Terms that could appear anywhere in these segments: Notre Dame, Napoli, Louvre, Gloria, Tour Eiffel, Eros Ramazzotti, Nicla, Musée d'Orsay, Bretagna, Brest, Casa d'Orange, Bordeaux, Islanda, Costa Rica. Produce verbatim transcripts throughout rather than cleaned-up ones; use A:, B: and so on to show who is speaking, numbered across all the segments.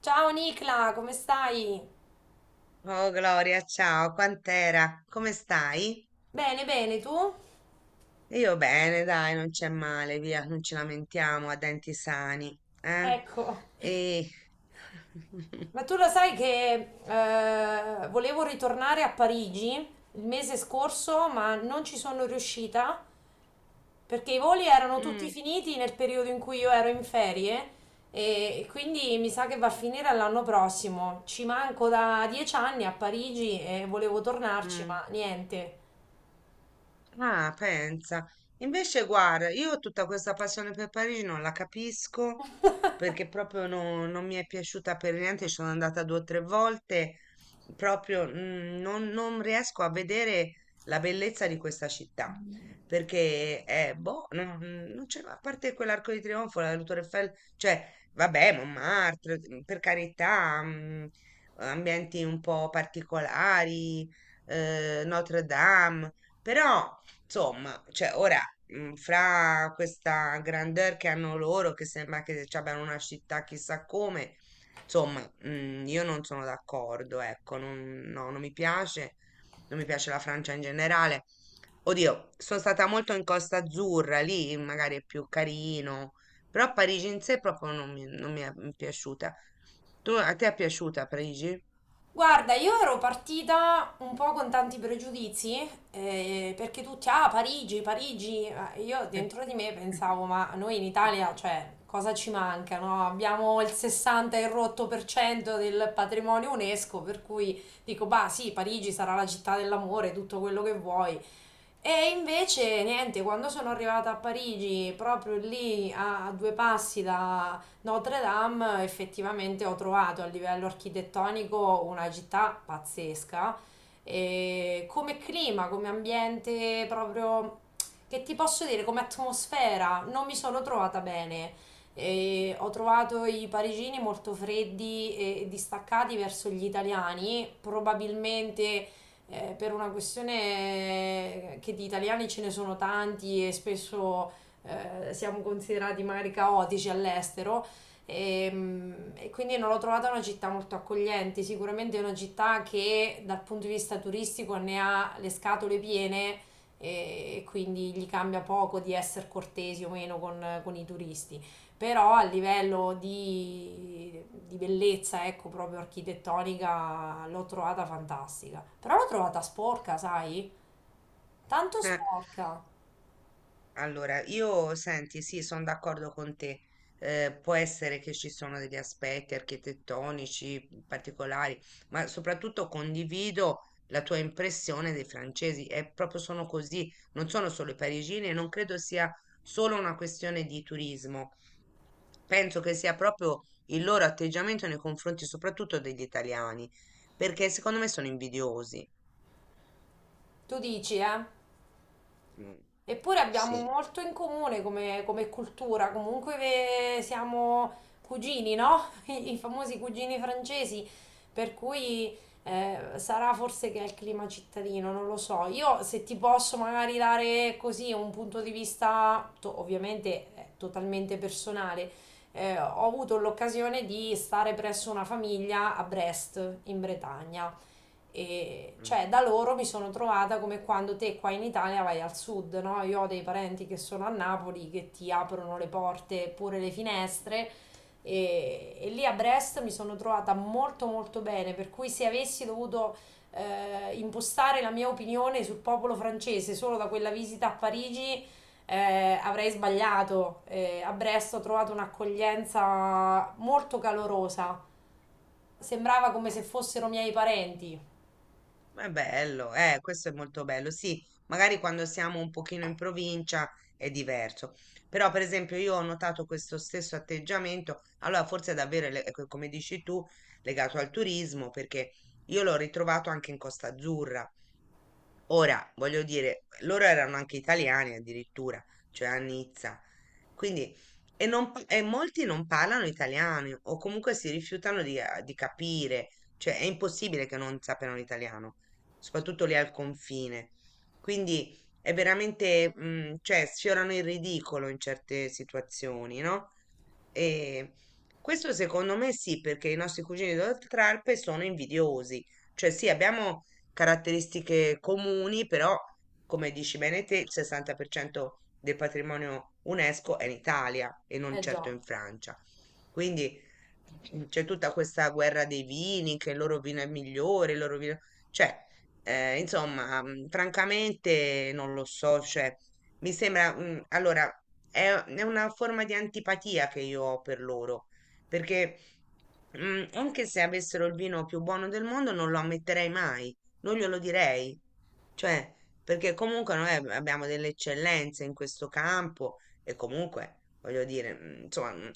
A: Ciao Nicla, come stai?
B: Oh Gloria, ciao, quant'era? Come stai?
A: Bene, bene, tu?
B: Io bene, dai, non c'è male, via, non ci lamentiamo a denti sani, eh?
A: Ecco,
B: E...
A: ma tu lo sai che eh, volevo ritornare a Parigi il mese scorso, ma non ci sono riuscita perché i voli erano tutti
B: Mm,
A: finiti nel periodo in cui io ero in ferie e quindi mi sa che va a finire all'anno prossimo. Ci manco da dieci anni a Parigi e volevo tornarci,
B: mm.
A: ma niente.
B: Ah, pensa. Invece, guarda, io tutta questa passione per Parigi non la capisco perché proprio no- non mi è piaciuta per niente. Ci sono andata due o tre volte, proprio mm, non, non riesco a vedere la bellezza di questa città perché è boh, non, non c'è, a parte quell'arco di trionfo, la Tour Eiffel, cioè, vabbè, Montmartre, mm, per carità, mm, ambienti un po' particolari, eh, Notre Dame. Però insomma, cioè ora, mh, fra questa grandeur che hanno loro, che sembra che ci abbiano una città chissà come, insomma, mh, io non sono d'accordo, ecco, non, no, non mi piace, non mi piace la Francia in generale. Oddio, sono stata molto in Costa Azzurra, lì magari è più carino, però Parigi in sé proprio non mi, non mi è mhmm, piaciuta. Tu, a te è piaciuta Parigi?
A: Guarda, io ero partita un po' con tanti pregiudizi, eh, perché tutti, ah, Parigi, Parigi, eh, io dentro di me pensavo, ma noi in Italia, cioè, cosa ci manca, no? Abbiamo il sessanta e rotto per cento del patrimonio UNESCO, per cui dico, bah, sì, Parigi sarà la città dell'amore, tutto quello che vuoi, e invece niente, quando sono arrivata a Parigi, proprio lì a due passi da Notre Dame, effettivamente ho trovato a livello architettonico una città pazzesca. E come clima, come ambiente, proprio che ti posso dire, come atmosfera, non mi sono trovata bene. E ho trovato i parigini molto freddi e distaccati verso gli italiani, probabilmente eh, per una questione eh, che di italiani ce ne sono tanti e spesso eh, siamo considerati magari caotici all'estero. E, mm, e quindi non l'ho trovata una città molto accogliente, sicuramente è una città che dal punto di vista turistico ne ha le scatole piene e, e quindi gli cambia poco di essere cortesi o meno con, con i turisti, però a livello di, di bellezza, ecco, proprio architettonica, l'ho trovata fantastica. Però l'ho trovata sporca, sai? Tanto
B: Eh,
A: sporca.
B: allora, io senti, sì, sono d'accordo con te. Eh, può essere che ci sono degli aspetti architettonici mhmm, particolari, ma soprattutto condivido la tua impressione dei francesi. È proprio sono così, non sono solo i parigini e non credo sia solo una questione di turismo. Penso che sia proprio il loro atteggiamento nei confronti soprattutto degli italiani, perché secondo me sono invidiosi.
A: Tu dici, eh?
B: Mm,
A: Eppure abbiamo
B: sì.
A: molto in comune come, come cultura, comunque ve- siamo cugini, no? I, i famosi cugini francesi, per cui eh, sarà forse che è il clima cittadino, non lo so. Io se ti posso magari dare così un punto di vista, to- ovviamente eh, totalmente personale, eh, ho avuto l'occasione di stare presso una famiglia a Brest, in Bretagna. E
B: Mm.
A: cioè da loro mi sono trovata come quando te qua in Italia vai al sud, no? Io ho dei parenti che sono a Napoli che ti aprono le porte pure le finestre e, e lì a Brest mi sono trovata molto molto bene, per cui se avessi dovuto eh, impostare la mia opinione sul popolo francese solo da quella visita a Parigi eh, avrei sbagliato. Eh, a Brest ho trovato un'accoglienza molto calorosa, sembrava come se fossero miei parenti.
B: Ma bello, eh, questo è molto bello. Sì, magari quando siamo un pochino in provincia è diverso. Però, per esempio, io ho notato questo stesso atteggiamento. Allora, forse è davvero, le- ecco, come dici tu, legato al turismo, perché io l'ho ritrovato anche in Costa Azzurra. Ora, voglio dire, loro erano anche italiani addirittura, cioè a Nizza. Quindi, e, non pa- e molti non parlano italiano o comunque si rifiutano di, eh, di capire, cioè è impossibile che non sappiano l'italiano, soprattutto lì al confine. Quindi è veramente, mm, cioè sfiorano il ridicolo in certe situazioni, no? E questo secondo me sì, perché i nostri cugini d'Oltralpe sono invidiosi. Cioè sì, abbiamo caratteristiche comuni, però, come dici bene te, il sessanta per cento del patrimonio UNESCO è in Italia e non
A: Eh
B: certo
A: già.
B: in Francia. Quindi mm, c'è tutta questa guerra dei vini, che il loro vino è migliore, il loro vino... Cioè, eh, insomma, mm, francamente non lo so, cioè, mi sembra... mm, allora, è è una forma di antipatia che io ho per loro, perché... Mm, anche se avessero il vino più buono del mondo, non lo ammetterei mai, non glielo direi, cioè, perché comunque noi ab- abbiamo delle eccellenze in questo campo e comunque, voglio dire, mm, insomma, mm,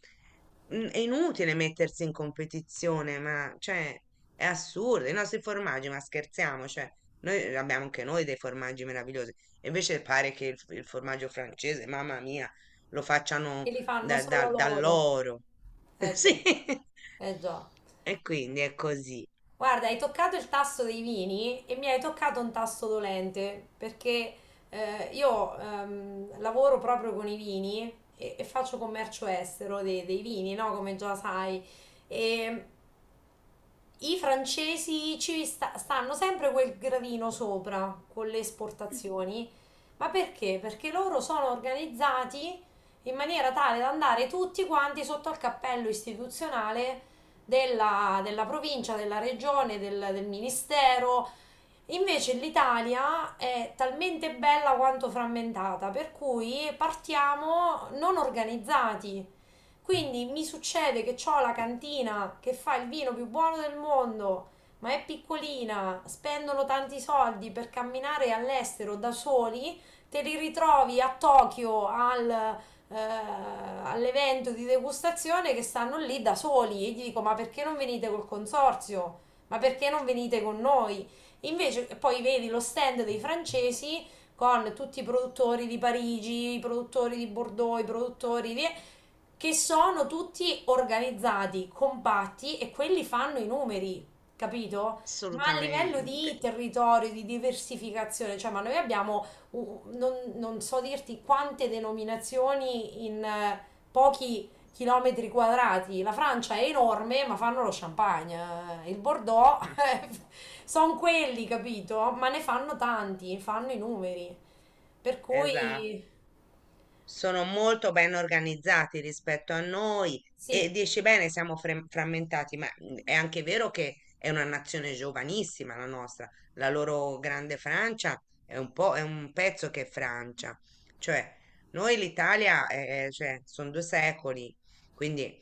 B: mm, è inutile mettersi in competizione, ma cioè, è assurdo. I nostri formaggi, ma scherziamo, cioè, noi abbiamo anche noi dei formaggi meravigliosi. E invece pare che il, il formaggio francese, mamma mia, lo
A: E
B: facciano
A: li fanno
B: da-
A: solo
B: da-
A: loro.
B: dall'oro.
A: Eh già,
B: Sì.
A: eh già.
B: E quindi è così,
A: Guarda, hai toccato il tasto dei vini e mi hai toccato un tasto dolente, perché eh, io ehm, lavoro proprio con i vini e, e faccio commercio estero dei, dei vini, no? Come già sai. E i francesi ci sta- stanno sempre quel gradino sopra con le esportazioni, ma perché? Perché loro sono organizzati in maniera tale da andare tutti quanti sotto al cappello istituzionale della, della provincia, della regione, del, del ministero. Invece l'Italia è talmente bella quanto frammentata, per cui partiamo non organizzati. Quindi mi succede che ho la cantina che fa il vino più buono del mondo, ma è piccolina, spendono tanti soldi per camminare all'estero da soli, te li ritrovi a Tokyo al, eh, all'evento di degustazione che stanno lì da soli e gli dico ma perché non venite col consorzio? Ma perché non venite con noi? Invece poi vedi lo stand dei francesi con tutti i produttori di Parigi, i produttori di Bordeaux, i produttori di che sono tutti organizzati, compatti e quelli fanno i numeri, capito? Ma a livello
B: assolutamente.
A: di territorio, di diversificazione, cioè, ma noi abbiamo, uh, non, non so dirti quante denominazioni in eh, pochi chilometri quadrati. La Francia è enorme, ma fanno lo champagne. eh, Il Bordeaux, sono quelli, capito? Ma ne fanno tanti, fanno i numeri. Per
B: Esatto,
A: cui,
B: sono molto ben organizzati rispetto a noi e
A: sì.
B: dici bene, siamo frem- frammentati, ma mm, è anche vero che è una nazione giovanissima la nostra, la loro grande Francia è un po', è un pezzo che è Francia, cioè noi l'Italia è- è- cioè, sono due secoli, quindi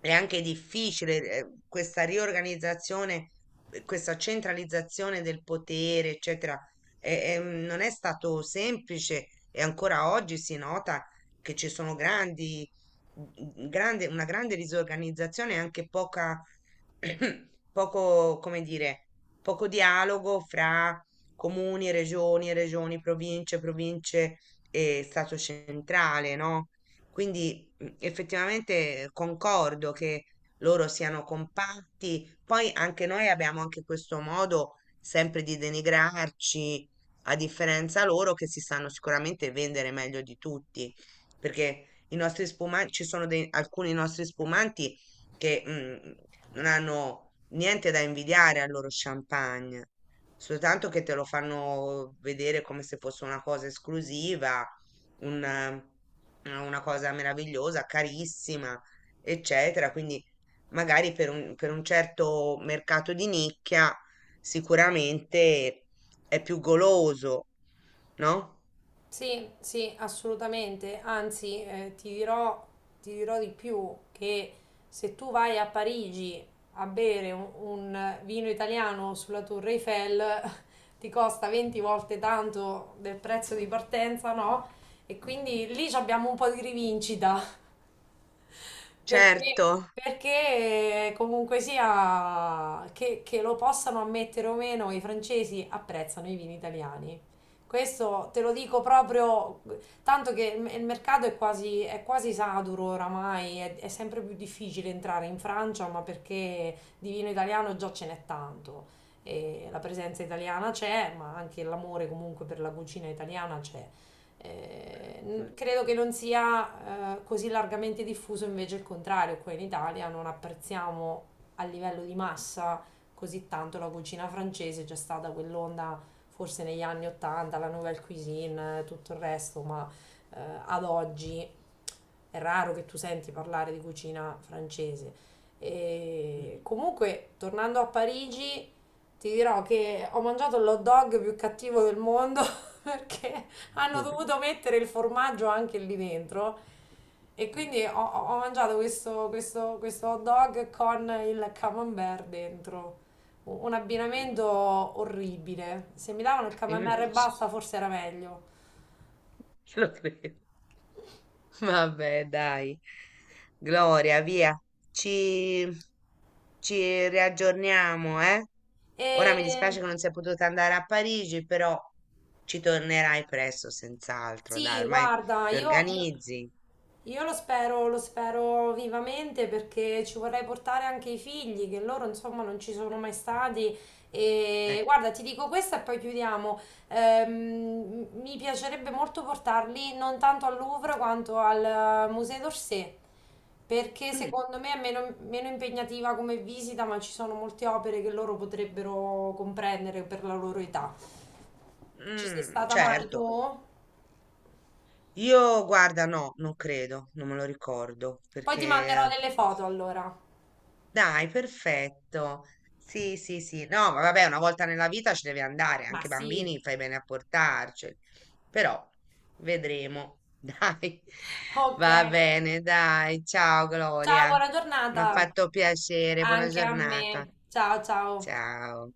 B: è anche difficile eh, questa riorganizzazione, eh, questa centralizzazione del potere, eccetera e- e, mm, non è stato semplice e ancora oggi si nota che ci sono grandi, mm, grande- una grande disorganizzazione e anche poca, poco, come dire, poco dialogo fra comuni, regioni, regioni, province, province e Stato centrale, no? Quindi mm, effettivamente concordo che loro siano compatti. Poi anche noi abbiamo anche questo modo sempre di denigrarci, a differenza loro che si sanno sicuramente vendere meglio di tutti, perché i nostri spumanti, ci sono dei- alcuni nostri spumanti che mm, non hanno niente da invidiare al loro champagne, soltanto che te lo fanno vedere come se fosse una cosa esclusiva, un, eh, una cosa meravigliosa, carissima, eccetera. Quindi magari per un, per un certo mercato di nicchia sicuramente è più goloso, no?
A: Sì, sì, assolutamente. Anzi, eh, ti dirò, ti dirò di più che se tu vai a Parigi a bere un, un vino italiano sulla Tour Eiffel, ti costa venti volte tanto del prezzo di partenza, no? E quindi lì ci abbiamo un po' di rivincita.
B: Certo.
A: Perché, perché eh, comunque sia che, che lo possano ammettere o meno, i francesi apprezzano i vini italiani. Questo te lo dico proprio, tanto che il il mercato è quasi, è quasi saturo oramai, è, è sempre più difficile entrare in Francia, ma perché di vino italiano già ce n'è tanto. E la presenza italiana c'è, ma anche l'amore comunque per la cucina italiana c'è. Eh, n- credo che non sia eh, così largamente diffuso invece il contrario, qua in Italia non apprezziamo a livello di massa così tanto la cucina francese, c'è stata quell'onda forse negli anni ottanta, la nouvelle cuisine, eh, tutto il resto, ma eh, ad oggi è raro che tu senti parlare di cucina francese. E comunque, tornando a Parigi, ti dirò che ho mangiato l'hot dog più cattivo del mondo. Perché hanno dovuto mettere il formaggio anche lì dentro. E quindi ho, ho mangiato questo, questo, questo hot dog con il camembert dentro. U- Un abbinamento orribile. Se mi davano il camembert e
B: Invece
A: basta, forse era meglio.
B: lo credo. Vabbè, dai. Gloria, via. Ci, ci riaggiorniamo, eh? Ora mi dispiace
A: E
B: che non sei potuta andare a Parigi, però ci tornerai presto, senz'altro. Dai,
A: sì,
B: ormai
A: guarda,
B: ti
A: io, io-
B: organizzi.
A: io lo spero, lo spero vivamente perché ci vorrei portare anche i figli, che loro insomma non ci sono mai stati. E
B: Eh.
A: guarda, ti dico questo e poi chiudiamo. Ehm, mi piacerebbe molto portarli non tanto al Louvre quanto al eh, Musée d'Orsay, perché
B: Mm.
A: secondo me è meno, meno impegnativa come visita, ma ci sono molte opere che loro potrebbero comprendere per la loro età. Ci sei
B: Mm,
A: stata mai tu?
B: certo. Io, guarda, no, non credo, non me lo ricordo,
A: Poi ti manderò
B: perché...
A: delle foto allora.
B: Dai, perfetto. Sì, sì, sì. No, ma vabbè, una volta nella vita ci deve andare,
A: Ma
B: anche i
A: sì.
B: bambini fai bene a portarceli. Però, vedremo. Dai,
A: Ok.
B: va bene, dai. Ciao,
A: Ciao,
B: Gloria.
A: buona
B: Mi ha
A: giornata.
B: fatto piacere, buona
A: Anche a
B: giornata.
A: me. Ciao, ciao.
B: Ciao.